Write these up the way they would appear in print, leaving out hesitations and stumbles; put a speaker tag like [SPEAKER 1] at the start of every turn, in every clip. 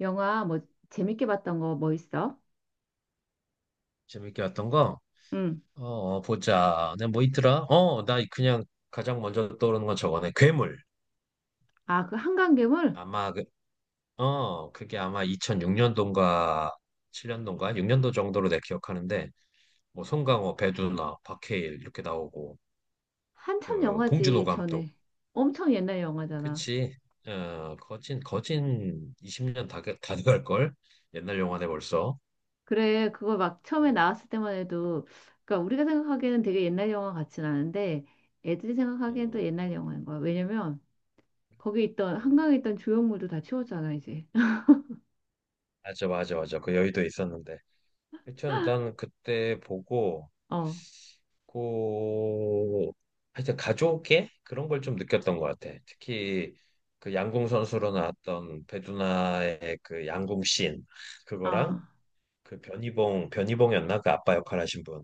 [SPEAKER 1] 영화 뭐 재밌게 봤던 거 뭐 있어?
[SPEAKER 2] 재밌게 왔던 거?
[SPEAKER 1] 응.
[SPEAKER 2] 보자. 내가 뭐 있더라? 나 그냥 가장 먼저 떠오르는 건 저거네. 괴물.
[SPEAKER 1] 아, 그 한강괴물?
[SPEAKER 2] 아마, 그게 아마 2006년도인가 7년도인가 6년도 정도로 내가 기억하는데, 뭐, 송강호, 배두나, 박해일 이렇게 나오고,
[SPEAKER 1] 한참
[SPEAKER 2] 봉준호
[SPEAKER 1] 영화지,
[SPEAKER 2] 감독.
[SPEAKER 1] 전에. 엄청 옛날 영화잖아.
[SPEAKER 2] 그치? 거진 20년 다 돼갈걸? 옛날 영화네 벌써.
[SPEAKER 1] 그래, 그거 막 처음에
[SPEAKER 2] 어,
[SPEAKER 1] 나왔을 때만 해도, 그러니까 우리가 생각하기에는 되게 옛날 영화 같진 않은데, 애들이 생각하기엔 또
[SPEAKER 2] 음,
[SPEAKER 1] 옛날 영화인 거야. 왜냐면, 거기 있던,
[SPEAKER 2] 음.
[SPEAKER 1] 한강에 있던 조형물도 다 치웠잖아, 이제.
[SPEAKER 2] 맞아, 맞아, 맞아. 그 여의도에 있었는데. 하여튼 난 그때 보고,
[SPEAKER 1] 어,
[SPEAKER 2] 그 하여튼 가족의 그런 걸 좀 느꼈던 것 같아. 특히 그 양궁 선수로 나왔던 배두나의 그 양궁 씬 그거랑
[SPEAKER 1] 어,
[SPEAKER 2] 그 변희봉이었나 그 아빠 역할 하신 분.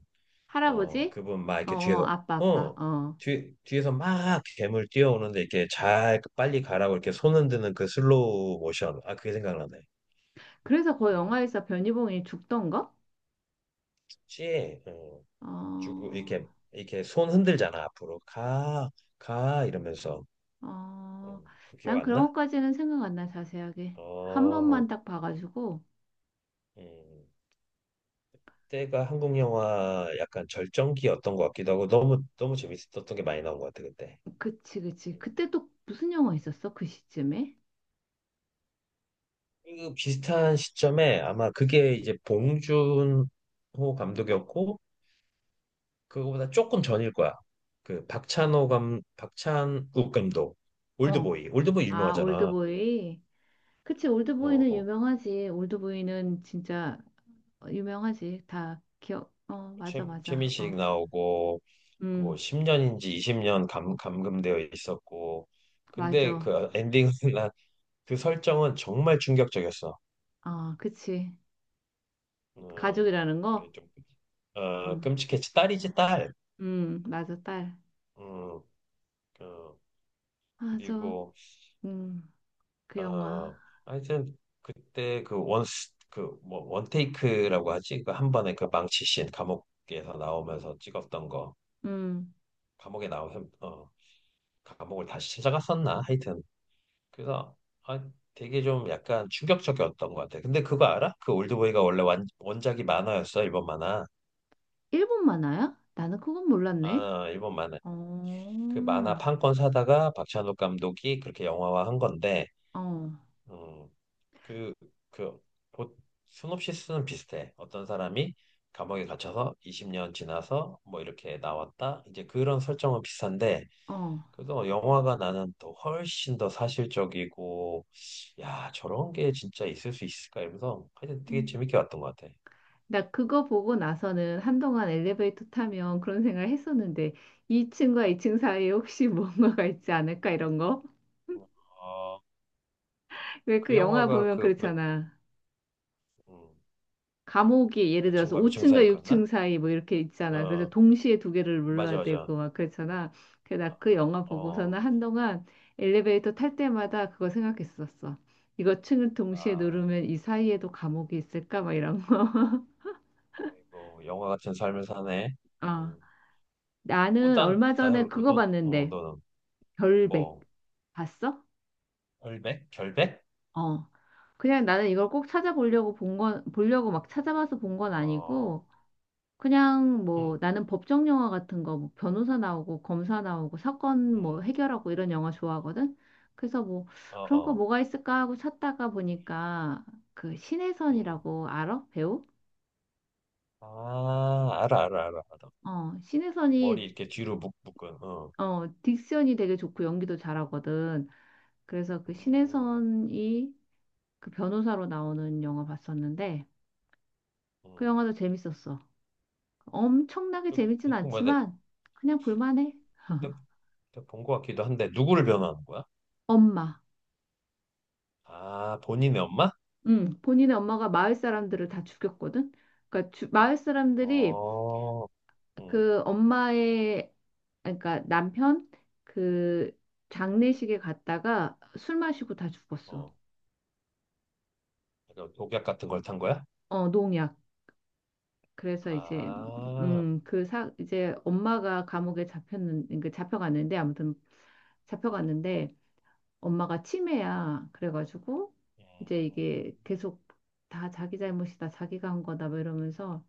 [SPEAKER 1] 할아버지?
[SPEAKER 2] 그분 막
[SPEAKER 1] 어,
[SPEAKER 2] 이렇게
[SPEAKER 1] 어,
[SPEAKER 2] 뒤에서
[SPEAKER 1] 아빠, 아빠,
[SPEAKER 2] 어
[SPEAKER 1] 어.
[SPEAKER 2] 뒤에서 막 괴물 뛰어오는데 이렇게 잘 빨리 가라고 이렇게 손 흔드는 그 슬로우 모션. 아, 그게 생각나네.
[SPEAKER 1] 그래서 그
[SPEAKER 2] 음.
[SPEAKER 1] 영화에서 변희봉이 죽던 거?
[SPEAKER 2] 혹시
[SPEAKER 1] 어.
[SPEAKER 2] 주고 이렇게 이렇게 손 흔들잖아, 앞으로 가 가 이러면서.
[SPEAKER 1] 어,
[SPEAKER 2] 그 기억
[SPEAKER 1] 난
[SPEAKER 2] 안
[SPEAKER 1] 그런
[SPEAKER 2] 나?
[SPEAKER 1] 것까지는 생각 안 나, 자세하게. 한
[SPEAKER 2] 어,
[SPEAKER 1] 번만 딱 봐가지고.
[SPEAKER 2] 음, 때가 한국 영화 약간 절정기였던 것 같기도 하고 너무 너무 재밌었던 게 많이 나온 것 같아 그때.
[SPEAKER 1] 그치, 그치.
[SPEAKER 2] 음.
[SPEAKER 1] 그때 또 무슨 영화 있었어? 그 시점에?
[SPEAKER 2] 그 비슷한 시점에 아마 그게 이제 봉준호 감독이었고 그거보다 조금 전일 거야. 그 박찬호 감 박찬욱 감독.
[SPEAKER 1] 어.
[SPEAKER 2] 올드보이
[SPEAKER 1] 아,
[SPEAKER 2] 유명하잖아.
[SPEAKER 1] 올드보이. 그치, 올드보이는
[SPEAKER 2] 어
[SPEAKER 1] 유명하지. 올드보이는 진짜 어, 유명하지. 다 기억, 어, 맞아, 맞아.
[SPEAKER 2] 최민식
[SPEAKER 1] 어,
[SPEAKER 2] 나오고 뭐
[SPEAKER 1] 음,
[SPEAKER 2] 10년인지 20년 감 감금되어 있었고 근데
[SPEAKER 1] 맞아.
[SPEAKER 2] 그 엔딩은 그 설정은 정말 충격적이었어.
[SPEAKER 1] 어, 그치.
[SPEAKER 2] 음,
[SPEAKER 1] 가족이라는 거?
[SPEAKER 2] 그게 좀,
[SPEAKER 1] 어,
[SPEAKER 2] 끔찍했지. 딸이지, 딸.
[SPEAKER 1] 맞아, 딸.
[SPEAKER 2] 음, 어,
[SPEAKER 1] 맞아.
[SPEAKER 2] 그리고,
[SPEAKER 1] 음, 그 영화.
[SPEAKER 2] 하여튼, 그때 원테이크라고 하지? 그 한 번에 그 망치씬, 감옥에서 나오면서 찍었던 거.
[SPEAKER 1] 음,
[SPEAKER 2] 감옥에 나오면, 감옥을 다시 찾아갔었나? 하여튼. 그래서, 아, 되게 좀 약간 충격적이었던 것 같아. 근데 그거 알아? 그 올드보이가 원래 원작이 만화였어, 일본 만화.
[SPEAKER 1] 일본 만화야? 나는 그건 몰랐네.
[SPEAKER 2] 아, 일본 만화.
[SPEAKER 1] 어,
[SPEAKER 2] 그 만화 판권 사다가 박찬욱 감독이 그렇게 영화화한 건데
[SPEAKER 1] 어,
[SPEAKER 2] 음, 그, 그 보- 시놉시스는 비슷해. 어떤 사람이 감옥에 갇혀서 20년 지나서 뭐 이렇게 나왔다. 이제 그런 설정은 비슷한데
[SPEAKER 1] 어.
[SPEAKER 2] 그래서 영화가 나는 또 훨씬 더 사실적이고, 야 저런 게 진짜 있을 수 있을까 이러면서 하여튼 되게
[SPEAKER 1] 음.
[SPEAKER 2] 재밌게 봤던 것 같아.
[SPEAKER 1] 나 그거 보고 나서는 한동안 엘리베이터 타면 그런 생각을 했었는데 2층과 2층 사이에 혹시 뭔가가 있지 않을까 이런 거?
[SPEAKER 2] 어,
[SPEAKER 1] 왜
[SPEAKER 2] 그
[SPEAKER 1] 그 영화
[SPEAKER 2] 영화가
[SPEAKER 1] 보면 그렇잖아.
[SPEAKER 2] 음,
[SPEAKER 1] 감옥이 예를
[SPEAKER 2] 몇
[SPEAKER 1] 들어서
[SPEAKER 2] 층과 몇 층
[SPEAKER 1] 5층과
[SPEAKER 2] 사이였나?
[SPEAKER 1] 6층 사이 뭐 이렇게 있잖아. 그래서
[SPEAKER 2] 어
[SPEAKER 1] 동시에 두 개를
[SPEAKER 2] 맞아,
[SPEAKER 1] 눌러야
[SPEAKER 2] 맞아.
[SPEAKER 1] 되고 막 그렇잖아. 그래서 나 그 영화
[SPEAKER 2] 어
[SPEAKER 1] 보고서는 한동안 엘리베이터 탈 때마다 그거 생각했었어. 이거 층을 동시에
[SPEAKER 2] 아,
[SPEAKER 1] 누르면 이 사이에도 감옥이 있을까? 막 이런 거.
[SPEAKER 2] 이거 영화 같은 삶을 사네.
[SPEAKER 1] 어,
[SPEAKER 2] 음. 뭐,
[SPEAKER 1] 나는 얼마
[SPEAKER 2] 나야
[SPEAKER 1] 전에
[SPEAKER 2] 그렇고,
[SPEAKER 1] 그거 봤는데,
[SPEAKER 2] 너는,
[SPEAKER 1] 별백.
[SPEAKER 2] 뭐,
[SPEAKER 1] 봤어?
[SPEAKER 2] 결백? 결백?
[SPEAKER 1] 어. 그냥 나는 이걸 꼭 찾아보려고 본 건, 보려고 막 찾아봐서 본 건
[SPEAKER 2] 어,
[SPEAKER 1] 아니고, 그냥
[SPEAKER 2] 응,
[SPEAKER 1] 뭐 나는 법정 영화 같은 거, 뭐 변호사 나오고, 검사 나오고, 사건 뭐
[SPEAKER 2] 응,
[SPEAKER 1] 해결하고 이런 영화 좋아하거든? 그래서 뭐
[SPEAKER 2] 어,
[SPEAKER 1] 그런 거
[SPEAKER 2] 어,
[SPEAKER 1] 뭐가 있을까 하고 찾다가 보니까 그
[SPEAKER 2] 응.
[SPEAKER 1] 신혜선이라고 알아? 배우?
[SPEAKER 2] 아, 알아, 알아, 알아, 알아.
[SPEAKER 1] 어,
[SPEAKER 2] 머리
[SPEAKER 1] 신혜선이,
[SPEAKER 2] 이렇게 뒤로 묶은, 어.
[SPEAKER 1] 어, 딕션이 되게 좋고 연기도 잘하거든. 그래서 그
[SPEAKER 2] 음,
[SPEAKER 1] 신혜선이 그 변호사로 나오는 영화 봤었는데 그
[SPEAKER 2] 음.
[SPEAKER 1] 영화도 재밌었어. 엄청나게
[SPEAKER 2] 여기
[SPEAKER 1] 재밌진
[SPEAKER 2] 대충 뭐야,
[SPEAKER 1] 않지만 그냥 볼만해.
[SPEAKER 2] 내, 가 본것 같기도 한데, 누구를 변호하는 거야?
[SPEAKER 1] 엄마.
[SPEAKER 2] 아, 본인의 엄마?
[SPEAKER 1] 응, 본인의 엄마가 마을 사람들을 다 죽였거든. 그러니까 마을 사람들이
[SPEAKER 2] 어, 응,
[SPEAKER 1] 그 엄마의 그러니까 남편 그
[SPEAKER 2] 응,
[SPEAKER 1] 장례식에 갔다가 술 마시고 다 죽었어.
[SPEAKER 2] 어. 약간 독약 같은 걸 탄 거야?
[SPEAKER 1] 어, 농약. 그래서 이제
[SPEAKER 2] 아,
[SPEAKER 1] 그 사 이제 엄마가 감옥에 잡혔는 그 잡혀갔는데 아무튼
[SPEAKER 2] 응.
[SPEAKER 1] 잡혀갔는데 엄마가 치매야. 그래가지고 이제
[SPEAKER 2] 음,
[SPEAKER 1] 이게 계속 다 자기 잘못이다, 자기가 한 거다, 뭐 이러면서.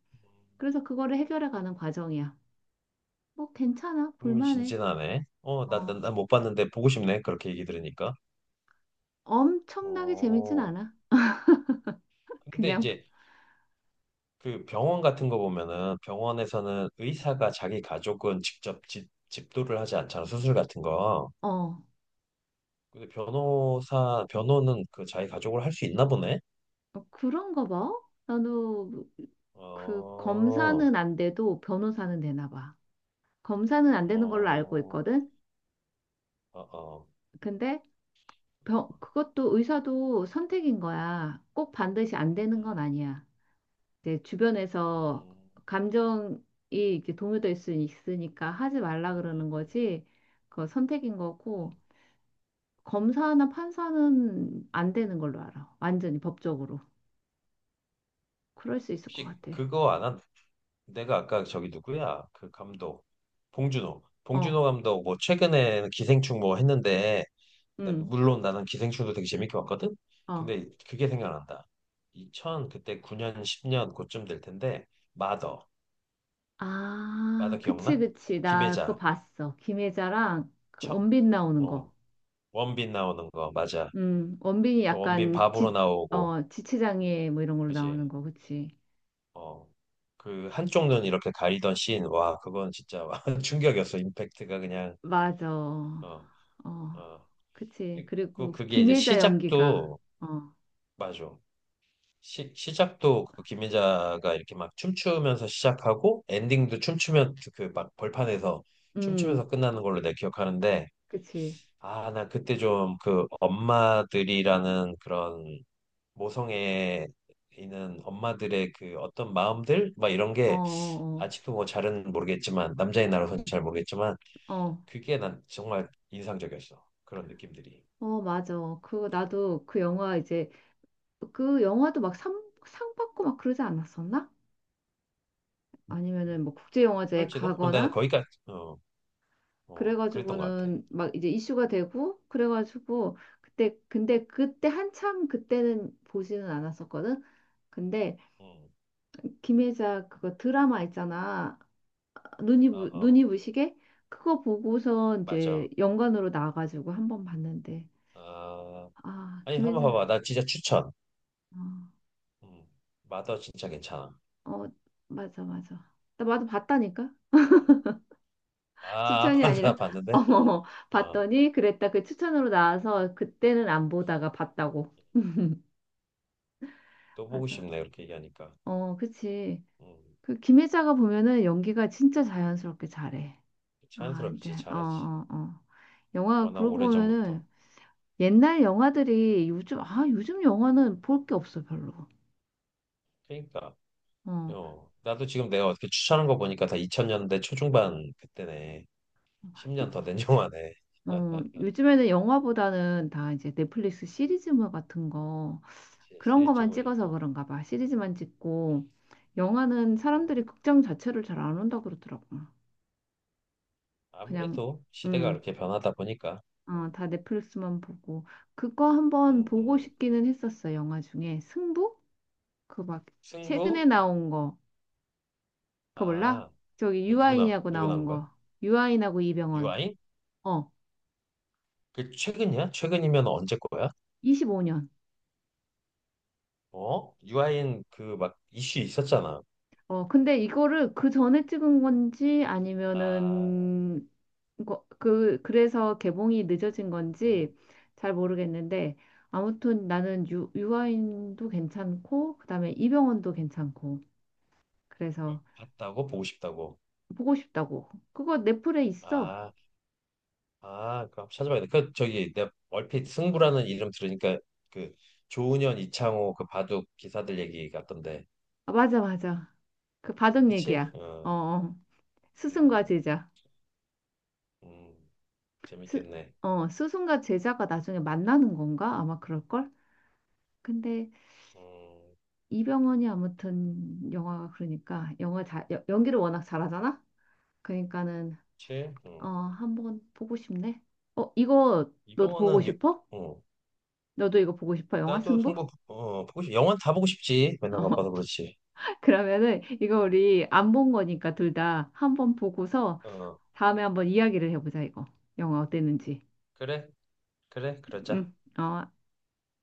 [SPEAKER 1] 그래서 그거를 해결해 가는 과정이야. 뭐 괜찮아, 볼만해.
[SPEAKER 2] 흥미진진하네.
[SPEAKER 1] 어,
[SPEAKER 2] 나못 봤는데 보고 싶네. 그렇게 얘기 들으니까.
[SPEAKER 1] 엄청나게 재밌진
[SPEAKER 2] 어,
[SPEAKER 1] 않아.
[SPEAKER 2] 근데
[SPEAKER 1] 그냥,
[SPEAKER 2] 이제 그 병원 같은 거 보면은 병원에서는 의사가 자기 가족은 직접 집도를 하지 않잖아. 수술 같은 거.
[SPEAKER 1] 어,
[SPEAKER 2] 근데 변호는 그 자기 가족을 할 수 있나 보네.
[SPEAKER 1] 그런가 봐. 나도 그
[SPEAKER 2] 어,
[SPEAKER 1] 검사는 안 돼도 변호사는 되나 봐. 검사는 안 되는 걸로 알고
[SPEAKER 2] 어,
[SPEAKER 1] 있거든.
[SPEAKER 2] 어, 어.
[SPEAKER 1] 근데 그것도 의사도 선택인 거야. 꼭 반드시 안 되는 건
[SPEAKER 2] 음,
[SPEAKER 1] 아니야. 이제 주변에서
[SPEAKER 2] 음,
[SPEAKER 1] 감정이 이렇게 동요될 수 있으니까 하지 말라 그러는
[SPEAKER 2] 음.
[SPEAKER 1] 거지. 그 선택인 거고
[SPEAKER 2] 음.
[SPEAKER 1] 검사나 판사는 안 되는 걸로 알아. 완전히 법적으로. 그럴 수 있을 것
[SPEAKER 2] 혹시
[SPEAKER 1] 같아.
[SPEAKER 2] 그거 안 한, 내가 아까 저기 누구야? 그 감독 봉준호.
[SPEAKER 1] 어,
[SPEAKER 2] 봉준호 감독 뭐 최근에 기생충 뭐 했는데
[SPEAKER 1] 응,
[SPEAKER 2] 물론 나는 기생충도 되게 재밌게 봤거든.
[SPEAKER 1] 어.
[SPEAKER 2] 근데 그게 생각난다. 2000 그때 9년 10년 그쯤 될 텐데 마더. 마더
[SPEAKER 1] 아, 그치,
[SPEAKER 2] 기억나?
[SPEAKER 1] 그치. 나 그거
[SPEAKER 2] 김혜자,
[SPEAKER 1] 봤어. 김혜자랑 그
[SPEAKER 2] 첫
[SPEAKER 1] 원빈 나오는 거.
[SPEAKER 2] 어, 원빈 나오는 거 맞아.
[SPEAKER 1] 원빈이
[SPEAKER 2] 그 원빈
[SPEAKER 1] 약간
[SPEAKER 2] 바보로 나오고
[SPEAKER 1] 지체장애 뭐 이런 걸로
[SPEAKER 2] 그지?
[SPEAKER 1] 나오는 거, 그치?
[SPEAKER 2] 어. 그 한쪽 눈 이렇게 가리던 씬, 와, 그건 진짜 충격이었어. 임팩트가 그냥.
[SPEAKER 1] 맞아.
[SPEAKER 2] 어.
[SPEAKER 1] 어,
[SPEAKER 2] 어.
[SPEAKER 1] 그치. 그리고
[SPEAKER 2] 그게 이제
[SPEAKER 1] 김혜자 연기가,
[SPEAKER 2] 시작도.
[SPEAKER 1] 어,
[SPEAKER 2] 맞아. 시작도 그 김민자가 이렇게 막 춤추면서 시작하고 엔딩도 춤추면 그 막 벌판에서
[SPEAKER 1] 음,
[SPEAKER 2] 춤추면서 끝나는 걸로 내가 기억하는데,
[SPEAKER 1] 그치.
[SPEAKER 2] 아, 나 그때 좀 그 엄마들이라는 그런 모성애에 있는 엄마들의 그 어떤 마음들 막 이런
[SPEAKER 1] 어,
[SPEAKER 2] 게
[SPEAKER 1] 어,
[SPEAKER 2] 아직도 뭐 잘은 모르겠지만 남자의 나로서는 잘 모르겠지만
[SPEAKER 1] 어, 어,
[SPEAKER 2] 그게 난 정말 인상적이었어. 그런 느낌들이.
[SPEAKER 1] 어, 맞아. 그, 나도 그 영화 이제, 그 영화도 막 상 받고 막 그러지 않았었나?
[SPEAKER 2] 음.
[SPEAKER 1] 아니면은 뭐 국제영화제
[SPEAKER 2] 그럴지도? 그럼 나는
[SPEAKER 1] 가거나,
[SPEAKER 2] 거기까지. 어. 어, 그랬던 것 같아.
[SPEAKER 1] 그래가지고는 막 이제 이슈가 되고, 그래가지고, 그때, 근데 그때 한참 그때는 보지는 않았었거든? 근데
[SPEAKER 2] 음,
[SPEAKER 1] 김혜자 그거 드라마 있잖아.
[SPEAKER 2] 어, 어,
[SPEAKER 1] 눈이 부시게 그거 보고서
[SPEAKER 2] 맞아.
[SPEAKER 1] 이제 연관으로 나와가지고 한 번 봤는데
[SPEAKER 2] 아,
[SPEAKER 1] 아,
[SPEAKER 2] 아니, 한 번
[SPEAKER 1] 김혜자.
[SPEAKER 2] 봐봐. 나 진짜 추천. 음, 마더 진짜 괜찮아.
[SPEAKER 1] 어, 어, 맞아, 맞아. 나 나도 봤다니까.
[SPEAKER 2] 음, 아,
[SPEAKER 1] 추천이 아니라,
[SPEAKER 2] 봤는데?
[SPEAKER 1] 어,
[SPEAKER 2] 어,
[SPEAKER 1] 봤더니 그랬다. 그 추천으로 나와서 그때는 안 보다가 봤다고.
[SPEAKER 2] 또 보고
[SPEAKER 1] 맞아.
[SPEAKER 2] 싶네, 이렇게 얘기하니까.
[SPEAKER 1] 어, 그치.
[SPEAKER 2] 음,
[SPEAKER 1] 그 김혜자가 보면은 연기가 진짜 자연스럽게 잘해. 아, 이제,
[SPEAKER 2] 자연스럽지,
[SPEAKER 1] 어,
[SPEAKER 2] 잘하지.
[SPEAKER 1] 어, 어. 영화
[SPEAKER 2] 워낙
[SPEAKER 1] 그러고 보면은
[SPEAKER 2] 오래전부터.
[SPEAKER 1] 옛날 영화들이 요즘 영화는 볼 게 없어, 별로.
[SPEAKER 2] 그러니까,
[SPEAKER 1] 어,
[SPEAKER 2] 나도 지금 내가 어떻게 추천한 거 보니까 다 2000년대 초중반 그때네.
[SPEAKER 1] 요-
[SPEAKER 2] 10년 더 된 영화네.
[SPEAKER 1] 요즘에는 영화보다는 다 이제 넷플릭스 시리즈물 같은 거,
[SPEAKER 2] 그치,
[SPEAKER 1] 그런 거만 찍어서
[SPEAKER 2] 시리즈물이고.
[SPEAKER 1] 그런가 봐. 시리즈만 찍고 영화는
[SPEAKER 2] 음,
[SPEAKER 1] 사람들이 극장 자체를 잘 안 온다 그러더라고. 그냥,
[SPEAKER 2] 아무래도 시대가
[SPEAKER 1] 음,
[SPEAKER 2] 그렇게 변하다 보니까. 어,
[SPEAKER 1] 어, 다 넷플릭스만 보고. 그거 한번
[SPEAKER 2] 음,
[SPEAKER 1] 보고
[SPEAKER 2] 음.
[SPEAKER 1] 싶기는 했었어. 영화 중에 승부? 그 막 최근에
[SPEAKER 2] 승부?
[SPEAKER 1] 나온 거. 그거 몰라?
[SPEAKER 2] 아,
[SPEAKER 1] 저기
[SPEAKER 2] 이거
[SPEAKER 1] 유아인이하고
[SPEAKER 2] 누구나
[SPEAKER 1] 나온
[SPEAKER 2] 하는 거야?
[SPEAKER 1] 거. 유아인하고 이병헌.
[SPEAKER 2] 유아인?
[SPEAKER 1] 어,
[SPEAKER 2] 그 최근이야? 최근이면 언제 거야?
[SPEAKER 1] 25년.
[SPEAKER 2] 어? 유아인 그 막 이슈 있었잖아.
[SPEAKER 1] 어, 근데 이거를 그 전에 찍은 건지
[SPEAKER 2] 아,
[SPEAKER 1] 아니면은 그래서 개봉이 늦어진
[SPEAKER 2] 어,
[SPEAKER 1] 건지 잘 모르겠는데, 아무튼 나는 유아인도 괜찮고 그다음에 이병헌도 괜찮고, 그래서
[SPEAKER 2] 봤다고? 보고 싶다고?
[SPEAKER 1] 보고 싶다고. 그거 넷플에 있어.
[SPEAKER 2] 아, 아, 그럼 찾아봐야 돼. 저기, 내가 얼핏 승부라는 이름 들으니까 그 조은현, 이창호 그 바둑 기사들 얘기 같던데.
[SPEAKER 1] 아, 맞아, 맞아. 그
[SPEAKER 2] 아,
[SPEAKER 1] 바둑
[SPEAKER 2] 그치?
[SPEAKER 1] 얘기야. 어,
[SPEAKER 2] 어,
[SPEAKER 1] 어. 스승과
[SPEAKER 2] 음,
[SPEAKER 1] 제자.
[SPEAKER 2] 음,
[SPEAKER 1] 스,
[SPEAKER 2] 재밌겠네.
[SPEAKER 1] 스승과 제자가 나중에 만나는 건가? 아마 그럴걸? 근데
[SPEAKER 2] 음,
[SPEAKER 1] 이병헌이 아무튼 영화가, 그러니까 영화 잘 연기를 워낙 잘하잖아. 그러니까는
[SPEAKER 2] 그치?
[SPEAKER 1] 어,
[SPEAKER 2] 어.
[SPEAKER 1] 한번 보고 싶네. 어, 이거 너도 보고
[SPEAKER 2] 이병헌은.
[SPEAKER 1] 싶어?
[SPEAKER 2] 어.
[SPEAKER 1] 너도 이거 보고 싶어? 영화
[SPEAKER 2] 나도
[SPEAKER 1] 승부?
[SPEAKER 2] 승부 보고 싶 영원 다 보고 싶지, 맨날
[SPEAKER 1] 어,
[SPEAKER 2] 바빠서 그렇지.
[SPEAKER 1] 그러면은 이거
[SPEAKER 2] 음,
[SPEAKER 1] 우리 안 본 거니까 둘 다 한번 보고서
[SPEAKER 2] 어
[SPEAKER 1] 다음에 한번 이야기를 해보자. 이거 영화 어땠는지.
[SPEAKER 2] 그래, 그래, 그러자.
[SPEAKER 1] 응. 어.